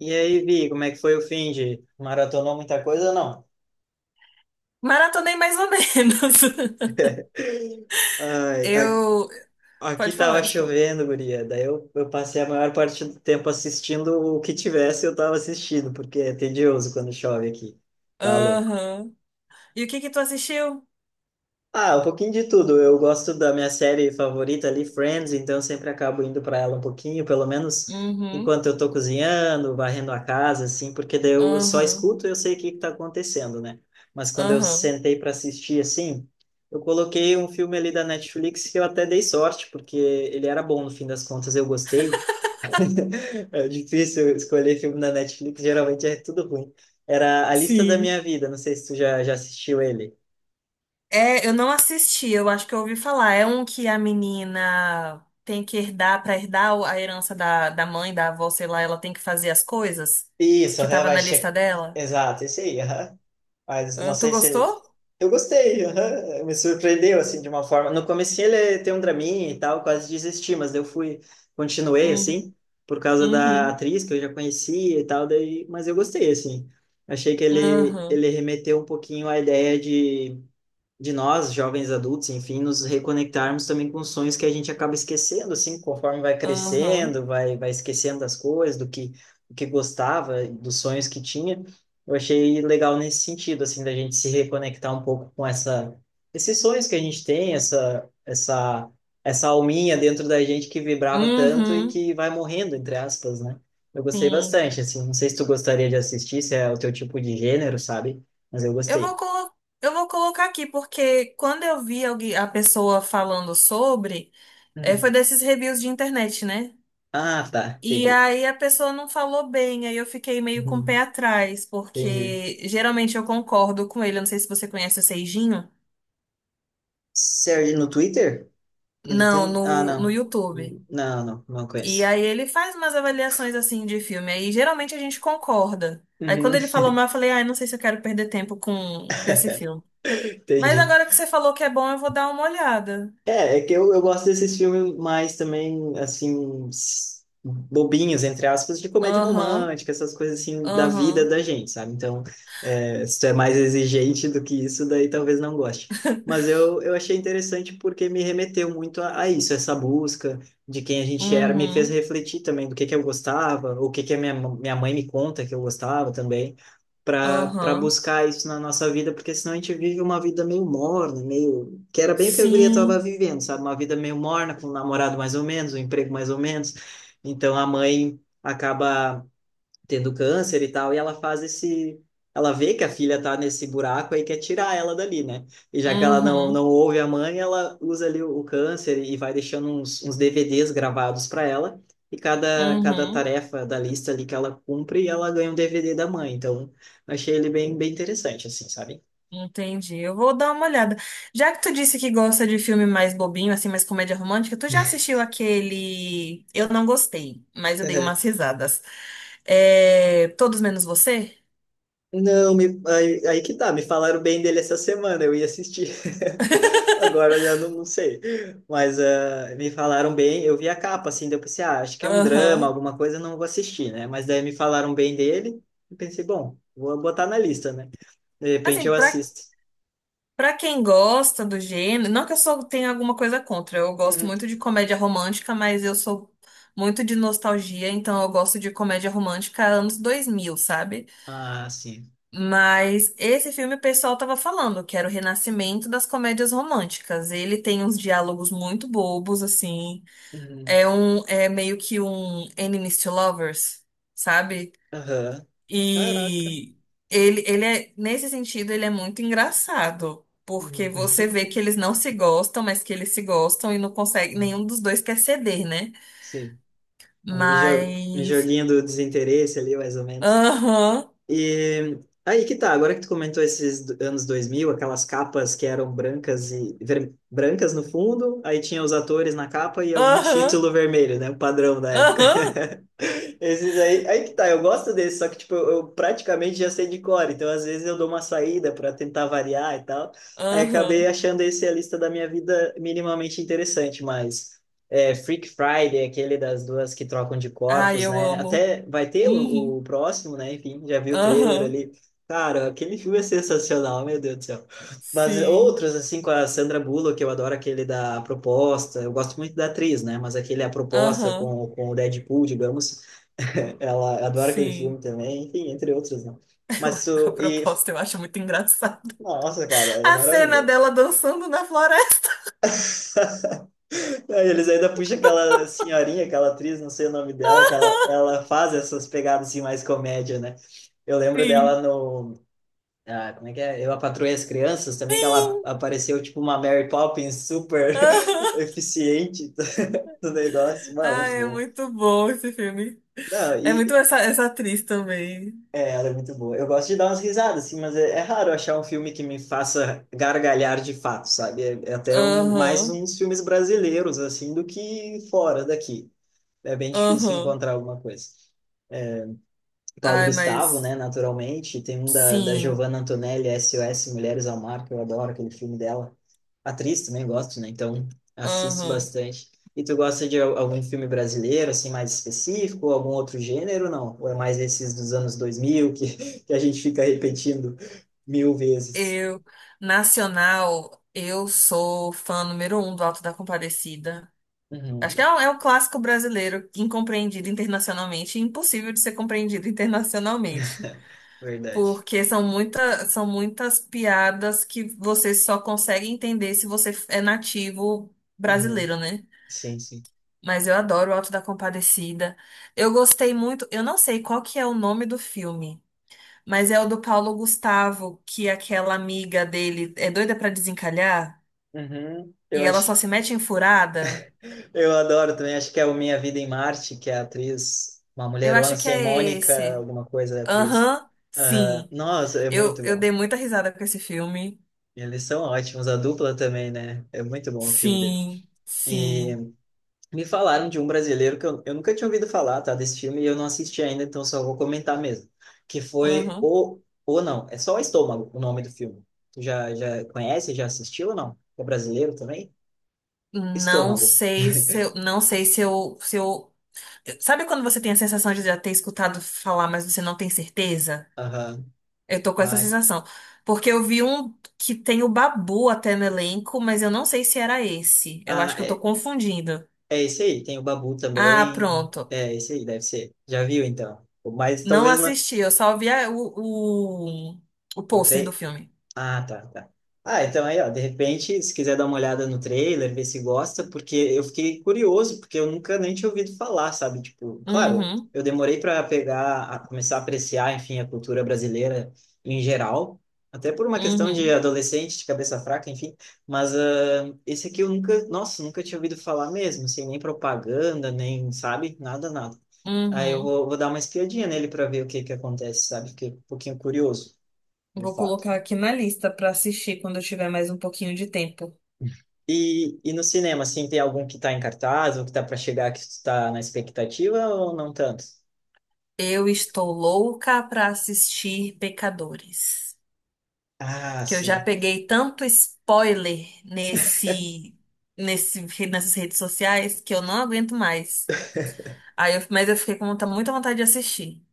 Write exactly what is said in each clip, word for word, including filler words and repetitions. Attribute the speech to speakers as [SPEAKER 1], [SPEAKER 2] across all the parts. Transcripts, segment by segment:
[SPEAKER 1] E aí, Vi, como é que foi o fim de maratonou muita coisa ou não?
[SPEAKER 2] Maratonei mais ou menos.
[SPEAKER 1] Ai, a-
[SPEAKER 2] Eu.
[SPEAKER 1] aqui
[SPEAKER 2] Pode falar,
[SPEAKER 1] tava
[SPEAKER 2] desculpa.
[SPEAKER 1] chovendo, guria. Daí eu, eu passei a maior parte do tempo assistindo o que tivesse, eu tava assistindo, porque é tedioso quando chove aqui. Tá.
[SPEAKER 2] Aham. E o que que tu assistiu?
[SPEAKER 1] Ah, um pouquinho de tudo. Eu gosto da minha série favorita ali, Friends, então eu sempre acabo indo para ela um pouquinho, pelo menos
[SPEAKER 2] Uhum.
[SPEAKER 1] enquanto eu tô cozinhando, varrendo a casa, assim, porque daí eu só
[SPEAKER 2] Aham.
[SPEAKER 1] escuto e eu sei o que que tá acontecendo, né? Mas quando eu
[SPEAKER 2] Aham.
[SPEAKER 1] sentei para assistir, assim, eu coloquei um filme ali da Netflix que eu até dei sorte, porque ele era bom no fim das contas, eu gostei. É difícil escolher filme da Netflix, geralmente é tudo ruim. Era A Lista da
[SPEAKER 2] Sim.
[SPEAKER 1] Minha Vida, não sei se tu já, já assistiu ele.
[SPEAKER 2] É, eu não assisti, eu acho que eu ouvi falar. É um que a menina tem que herdar, pra herdar o- a herança da, da mãe, da avó, sei lá, ela tem que fazer as coisas
[SPEAKER 1] Isso,
[SPEAKER 2] que
[SPEAKER 1] aham,
[SPEAKER 2] tava
[SPEAKER 1] vai
[SPEAKER 2] na lista
[SPEAKER 1] checar.
[SPEAKER 2] dela.
[SPEAKER 1] Exato, esse aí, aham. Mas não
[SPEAKER 2] Ah, tu
[SPEAKER 1] sei
[SPEAKER 2] gostou?
[SPEAKER 1] se. Eu gostei, aham. Me surpreendeu, assim, de uma forma. No comecinho ele tem um draminha e tal, quase desisti, mas daí eu fui, continuei,
[SPEAKER 2] Uhum.
[SPEAKER 1] assim, por causa da
[SPEAKER 2] Uhum.
[SPEAKER 1] atriz que eu já conhecia e tal, daí... mas eu gostei, assim. Achei que ele,
[SPEAKER 2] Aham.
[SPEAKER 1] ele remeteu um pouquinho à ideia de de nós, jovens adultos, enfim, nos reconectarmos também com sonhos que a gente acaba esquecendo, assim, conforme vai
[SPEAKER 2] Aham.
[SPEAKER 1] crescendo, vai, vai esquecendo das coisas, do que, do que gostava, dos sonhos que tinha. Eu achei legal nesse sentido, assim, da gente se reconectar um pouco com essa, esses sonhos que a gente tem, essa, essa, essa alminha dentro da gente que vibrava tanto e
[SPEAKER 2] Uhum.
[SPEAKER 1] que vai morrendo, entre aspas, né? Eu gostei
[SPEAKER 2] Sim.
[SPEAKER 1] bastante, assim, não sei se tu gostaria de assistir, se é o teu tipo de gênero, sabe? Mas eu
[SPEAKER 2] Eu vou
[SPEAKER 1] gostei.
[SPEAKER 2] colo- eu vou colocar aqui, porque quando eu vi alguém- a pessoa falando sobre, eh, foi desses reviews de internet, né?
[SPEAKER 1] Ah, tá.
[SPEAKER 2] E
[SPEAKER 1] Entendi.
[SPEAKER 2] aí a pessoa não falou bem, aí eu fiquei meio com o
[SPEAKER 1] Uhum.
[SPEAKER 2] pé atrás,
[SPEAKER 1] Entendi.
[SPEAKER 2] porque geralmente eu concordo com ele. Eu não sei se você conhece o Seijinho.
[SPEAKER 1] Serve no Twitter? Ele
[SPEAKER 2] Não,
[SPEAKER 1] tem? Ah,
[SPEAKER 2] no, no
[SPEAKER 1] não.
[SPEAKER 2] YouTube.
[SPEAKER 1] Hum, não, não, não
[SPEAKER 2] E
[SPEAKER 1] conheço.
[SPEAKER 2] aí ele faz umas avaliações assim de filme. Aí geralmente a gente concorda. Aí quando
[SPEAKER 1] Uhum.
[SPEAKER 2] ele falou mal, eu falei, ai, não sei se eu quero perder tempo com esse filme. Mas
[SPEAKER 1] Entendi.
[SPEAKER 2] agora que você falou que é bom, eu vou dar uma olhada.
[SPEAKER 1] É, é que eu, eu gosto desses filmes mais também, assim, s- bobinhos, entre aspas, de comédia
[SPEAKER 2] Aham.
[SPEAKER 1] romântica, essas coisas assim da vida
[SPEAKER 2] Aham.
[SPEAKER 1] da gente, sabe? Então, é, se tu é mais exigente do que isso, daí talvez não goste. Mas eu, eu achei interessante porque me remeteu muito a, a isso, essa busca de quem a gente era, me fez
[SPEAKER 2] Uhum.
[SPEAKER 1] refletir também do que que eu gostava, o que que a minha, minha mãe me conta que eu gostava também, para para
[SPEAKER 2] Aham.
[SPEAKER 1] buscar isso na nossa vida, porque senão a gente vive uma vida meio morna, meio que era bem o que a guria estava
[SPEAKER 2] Sim.
[SPEAKER 1] vivendo, sabe? Uma vida meio morna, com um namorado mais ou menos, um emprego mais ou menos. Então a mãe acaba tendo câncer e tal, e ela faz esse. Ela vê que a filha tá nesse buraco aí quer tirar ela dali, né? E já que ela não, não
[SPEAKER 2] Uhum.
[SPEAKER 1] ouve a mãe, ela usa ali o, o câncer e vai deixando uns, uns D V Ds gravados para ela. E cada, cada
[SPEAKER 2] Uhum.
[SPEAKER 1] tarefa da lista ali que ela cumpre, ela ganha um D V D da mãe. Então, achei ele bem, bem interessante, assim, sabe?
[SPEAKER 2] Entendi. Eu vou dar uma olhada. Já que tu disse que gosta de filme mais bobinho, assim, mais comédia romântica, tu já assistiu aquele. Eu não gostei, mas eu dei umas risadas. É... Todos menos você?
[SPEAKER 1] Não, me- aí, aí que tá, me falaram bem dele essa semana, eu ia assistir, agora já não, não sei, mas ah, me falaram bem, eu vi a capa, assim, daí eu pensei, ah, acho que é um drama,
[SPEAKER 2] Aham.
[SPEAKER 1] alguma coisa, não vou assistir, né, mas daí me falaram bem dele, e pensei, bom, vou botar na lista, né, de repente
[SPEAKER 2] Assim,
[SPEAKER 1] eu
[SPEAKER 2] pra
[SPEAKER 1] assisto.
[SPEAKER 2] Pra quem gosta do gênero, não que eu só tenha alguma coisa contra, eu gosto
[SPEAKER 1] Uhum.
[SPEAKER 2] muito de comédia romântica, mas eu sou muito de nostalgia, então eu gosto de comédia romântica anos dois mil, sabe?
[SPEAKER 1] Ah, sim.
[SPEAKER 2] Mas esse filme o pessoal tava falando que era o renascimento das comédias românticas. Ele tem uns diálogos muito bobos, assim. É
[SPEAKER 1] Uhum.
[SPEAKER 2] um, é meio que um Enemies to Lovers, sabe?
[SPEAKER 1] Aham. Caraca.
[SPEAKER 2] E ele, ele é, nesse sentido, ele é muito engraçado, porque
[SPEAKER 1] Uhum.
[SPEAKER 2] você vê que eles não se gostam, mas que eles se gostam e não consegue, nenhum dos dois quer ceder, né?
[SPEAKER 1] Sim, o jo- o
[SPEAKER 2] Mas.
[SPEAKER 1] joguinho do desinteresse ali, mais ou menos.
[SPEAKER 2] Aham,
[SPEAKER 1] E aí que tá, agora que tu comentou esses do- anos dois mil, aquelas capas que eram brancas e ver- brancas no fundo, aí tinha os atores na capa e algum
[SPEAKER 2] aham,
[SPEAKER 1] título vermelho, né? O padrão da época.
[SPEAKER 2] aham,
[SPEAKER 1] Esses aí, aí que tá, eu gosto desse só que tipo, eu, eu praticamente já sei de cor, então às vezes eu dou uma saída para tentar variar e tal. Aí acabei
[SPEAKER 2] aham.
[SPEAKER 1] achando esse a lista da minha vida minimamente interessante, mas é, Freak Friday, aquele das duas que trocam de
[SPEAKER 2] Ai,
[SPEAKER 1] corpos,
[SPEAKER 2] eu
[SPEAKER 1] né?
[SPEAKER 2] amo.
[SPEAKER 1] Até vai ter o,
[SPEAKER 2] Uhum,
[SPEAKER 1] o próximo, né? Enfim, já vi o trailer
[SPEAKER 2] aham,
[SPEAKER 1] ali. Cara, aquele filme é sensacional, meu Deus do céu. Mas
[SPEAKER 2] sim,
[SPEAKER 1] outros, assim, com a Sandra Bullock, eu adoro aquele da proposta. Eu gosto muito da atriz, né? Mas aquele é a proposta
[SPEAKER 2] aham,
[SPEAKER 1] com, com o Deadpool, digamos. Ela adora aquele filme
[SPEAKER 2] sim.
[SPEAKER 1] também, enfim, entre outros, né?
[SPEAKER 2] Eu-
[SPEAKER 1] Mas
[SPEAKER 2] a
[SPEAKER 1] tu. E,
[SPEAKER 2] proposta eu acho muito engraçada.
[SPEAKER 1] nossa, cara, é
[SPEAKER 2] A cena
[SPEAKER 1] maravilhoso.
[SPEAKER 2] dela dançando na floresta.
[SPEAKER 1] Aí eles ainda puxam aquela senhorinha, aquela atriz, não sei o nome dela, que ela, ela faz essas pegadas assim, mais comédia, né? Eu lembro dela
[SPEAKER 2] Sim.
[SPEAKER 1] no. Ah, como é que é? Eu, a Patroa e as Crianças, também que
[SPEAKER 2] Sim.
[SPEAKER 1] ela apareceu tipo uma Mary Poppins super eficiente do do negócio. Mano, muito
[SPEAKER 2] Ai, é
[SPEAKER 1] bom.
[SPEAKER 2] muito bom esse filme.
[SPEAKER 1] Não,
[SPEAKER 2] É muito
[SPEAKER 1] e,
[SPEAKER 2] essa, essa atriz também.
[SPEAKER 1] é, ela é muito boa. Eu gosto de dar umas risadas, assim, mas é, é raro achar um filme que me faça gargalhar de fato, sabe? É, é até um, mais
[SPEAKER 2] Aham,
[SPEAKER 1] uns filmes brasileiros, assim, do que fora daqui. É bem difícil
[SPEAKER 2] aham.
[SPEAKER 1] encontrar alguma coisa. Paulo
[SPEAKER 2] Ai,
[SPEAKER 1] Gustavo, né,
[SPEAKER 2] mas
[SPEAKER 1] naturalmente. Tem um da, da
[SPEAKER 2] sim,
[SPEAKER 1] Giovanna Antonelli, S O S Mulheres ao Mar, que eu adoro aquele filme dela. Atriz também gosto, né? Então assisto
[SPEAKER 2] aham.
[SPEAKER 1] bastante. E tu gosta de al- algum filme brasileiro, assim, mais específico, ou algum outro gênero, não? Ou é mais esses dos anos dois mil que, que a gente fica repetindo mil vezes?
[SPEAKER 2] Eu, Nacional, eu sou fã número um do Alto da Compadecida. Acho
[SPEAKER 1] Uhum.
[SPEAKER 2] que é um, é um clássico brasileiro incompreendido internacionalmente, e impossível de ser compreendido internacionalmente.
[SPEAKER 1] Verdade.
[SPEAKER 2] Porque são muita, são muitas piadas que você só consegue entender se você é nativo
[SPEAKER 1] Uhum.
[SPEAKER 2] brasileiro, né?
[SPEAKER 1] Sim, sim.
[SPEAKER 2] Mas eu adoro o Alto da Compadecida. Eu gostei muito, eu não sei qual que é o nome do filme, mas é o do Paulo Gustavo, que aquela amiga dele é doida pra desencalhar
[SPEAKER 1] Uhum.
[SPEAKER 2] e
[SPEAKER 1] Eu
[SPEAKER 2] ela só
[SPEAKER 1] acho,
[SPEAKER 2] se mete em furada.
[SPEAKER 1] eu adoro também, acho que é o Minha Vida em Marte, que é a atriz, uma
[SPEAKER 2] Eu
[SPEAKER 1] mulherona,
[SPEAKER 2] acho que
[SPEAKER 1] assim, é
[SPEAKER 2] é
[SPEAKER 1] Mônica,
[SPEAKER 2] esse.
[SPEAKER 1] alguma coisa, é a atriz.
[SPEAKER 2] Aham,
[SPEAKER 1] Aham.
[SPEAKER 2] sim.
[SPEAKER 1] Nossa, é
[SPEAKER 2] Eu,
[SPEAKER 1] muito
[SPEAKER 2] eu
[SPEAKER 1] bom.
[SPEAKER 2] dei muita risada com esse filme.
[SPEAKER 1] Eles são ótimos, a dupla também, né? É muito bom o filme dele.
[SPEAKER 2] Sim,
[SPEAKER 1] E
[SPEAKER 2] sim.
[SPEAKER 1] me falaram de um brasileiro que eu, eu nunca tinha ouvido falar, tá? Desse filme e eu não assisti ainda, então só vou comentar mesmo. Que foi
[SPEAKER 2] Aham.
[SPEAKER 1] o. Ou não, é só o Estômago o nome do filme. Tu já, já conhece, já assistiu ou não? É brasileiro também?
[SPEAKER 2] Não
[SPEAKER 1] Estômago.
[SPEAKER 2] sei se eu, não sei se eu, se eu, sabe quando você tem a sensação de já ter escutado falar, mas você não tem certeza?
[SPEAKER 1] Aham.
[SPEAKER 2] Eu tô com essa
[SPEAKER 1] Ah,
[SPEAKER 2] sensação, porque eu vi um que tem o Babu até no elenco, mas eu não sei se era esse. Eu
[SPEAKER 1] ah,
[SPEAKER 2] acho que eu tô
[SPEAKER 1] é,
[SPEAKER 2] confundindo.
[SPEAKER 1] é esse aí. Tem o Babu
[SPEAKER 2] Ah,
[SPEAKER 1] também.
[SPEAKER 2] pronto.
[SPEAKER 1] É esse aí, deve ser. Já viu então. Mas
[SPEAKER 2] Não
[SPEAKER 1] talvez não.
[SPEAKER 2] assisti, eu só vi a- o, o, o
[SPEAKER 1] O
[SPEAKER 2] pôster do
[SPEAKER 1] tre...
[SPEAKER 2] filme.
[SPEAKER 1] Ah, tá, tá. Ah, então aí, ó, de repente, se quiser dar uma olhada no trailer, ver se gosta, porque eu fiquei curioso, porque eu nunca nem tinha ouvido falar, sabe? Tipo, claro,
[SPEAKER 2] Uhum,
[SPEAKER 1] eu demorei para pegar, a começar a apreciar, enfim, a cultura brasileira em geral, até por uma questão de
[SPEAKER 2] uhum,
[SPEAKER 1] adolescente, de cabeça fraca, enfim, mas ah, esse aqui eu nunca, nossa, nunca tinha ouvido falar mesmo, sem nem propaganda, nem, sabe? Nada, nada. Aí eu
[SPEAKER 2] uhum.
[SPEAKER 1] vou, vou dar uma espiadinha nele para ver o que que acontece, sabe? Fiquei um pouquinho curioso, de
[SPEAKER 2] Vou
[SPEAKER 1] fato.
[SPEAKER 2] colocar aqui na lista pra assistir quando eu tiver mais um pouquinho de tempo.
[SPEAKER 1] E, e no cinema, assim, tem algum que tá em cartaz ou que tá para chegar que tu tá na expectativa ou não tanto?
[SPEAKER 2] Eu estou louca para assistir Pecadores,
[SPEAKER 1] Ah,
[SPEAKER 2] que eu já
[SPEAKER 1] sim.
[SPEAKER 2] peguei tanto spoiler nesse, nesse, nessas redes sociais que eu não aguento mais. Aí eu- mas eu fiquei com muita, muita vontade de assistir,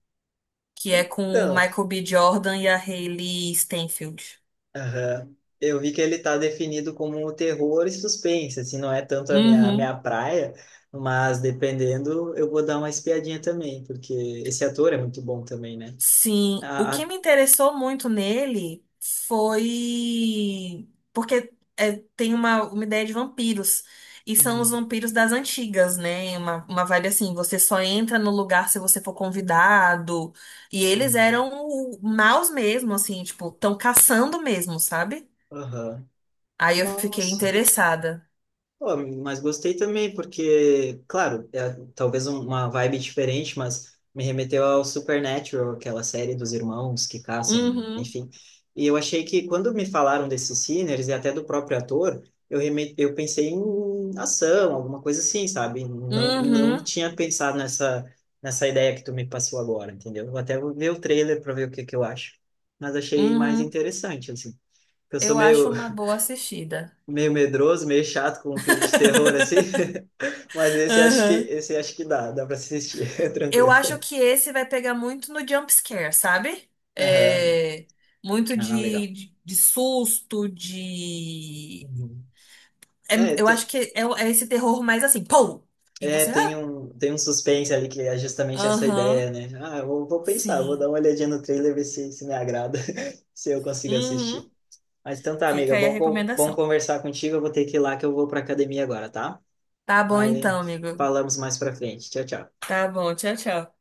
[SPEAKER 2] que é com o
[SPEAKER 1] Então,
[SPEAKER 2] Michael B. Jordan e a Hailey Steinfeld.
[SPEAKER 1] aham. Eu vi que ele tá definido como um terror e suspense, assim, não é tanto a minha,
[SPEAKER 2] Uhum.
[SPEAKER 1] minha praia, mas dependendo, eu vou dar uma espiadinha também, porque esse ator é muito bom também, né?
[SPEAKER 2] Sim, o
[SPEAKER 1] A, a...
[SPEAKER 2] que me interessou muito nele foi porque é, tem uma, uma ideia de vampiros. E são os
[SPEAKER 1] Uhum.
[SPEAKER 2] vampiros das antigas, né? Uma, uma vibe assim, você só entra no lugar se você for convidado. E eles eram o- maus mesmo, assim, tipo, tão caçando mesmo, sabe?
[SPEAKER 1] Aham.
[SPEAKER 2] Aí eu fiquei
[SPEAKER 1] Nossa.
[SPEAKER 2] interessada.
[SPEAKER 1] Pô, mas gostei também, porque, claro, é talvez um- uma vibe diferente, mas me remeteu ao Supernatural, aquela série dos irmãos que caçam,
[SPEAKER 2] Uhum,
[SPEAKER 1] enfim. E eu achei que quando me falaram desses Sinners e até do próprio ator, eu, reme eu pensei em ação, alguma coisa assim, sabe? Não, não
[SPEAKER 2] uhum,
[SPEAKER 1] tinha pensado nessa, nessa ideia que tu me passou agora, entendeu? Vou até vou ver o trailer para ver o que que eu acho. Mas achei mais
[SPEAKER 2] uhum.
[SPEAKER 1] interessante, assim. Eu sou
[SPEAKER 2] Eu acho
[SPEAKER 1] meio,
[SPEAKER 2] uma boa assistida.
[SPEAKER 1] meio medroso, meio chato com um filme de terror, assim. Mas esse acho que
[SPEAKER 2] Uhum.
[SPEAKER 1] esse acho que dá, dá para assistir,
[SPEAKER 2] Eu
[SPEAKER 1] tranquilo.
[SPEAKER 2] acho que esse vai pegar muito no jump scare, sabe?
[SPEAKER 1] Aham.
[SPEAKER 2] É, muito
[SPEAKER 1] Ah,
[SPEAKER 2] de,
[SPEAKER 1] legal.
[SPEAKER 2] de, de susto, de.
[SPEAKER 1] Uhum.
[SPEAKER 2] É-
[SPEAKER 1] É,
[SPEAKER 2] eu acho
[SPEAKER 1] tem,
[SPEAKER 2] que é, o- é esse terror mais assim, pô! E
[SPEAKER 1] é,
[SPEAKER 2] você,
[SPEAKER 1] tem
[SPEAKER 2] ah,
[SPEAKER 1] um, tem um suspense ali que é justamente essa ideia,
[SPEAKER 2] aham,
[SPEAKER 1] né? Ah, eu vou, vou pensar, vou dar
[SPEAKER 2] sim.
[SPEAKER 1] uma olhadinha no trailer, ver se, se me agrada, se eu consigo assistir.
[SPEAKER 2] Uhum.
[SPEAKER 1] Mas então tá,
[SPEAKER 2] Fica
[SPEAKER 1] amiga,
[SPEAKER 2] aí a
[SPEAKER 1] bom, co- bom
[SPEAKER 2] recomendação.
[SPEAKER 1] conversar contigo. Eu vou ter que ir lá que eu vou pra academia agora, tá?
[SPEAKER 2] Tá bom
[SPEAKER 1] Aí
[SPEAKER 2] então, amigo.
[SPEAKER 1] falamos mais pra frente. Tchau, tchau.
[SPEAKER 2] Tá bom, tchau, tchau.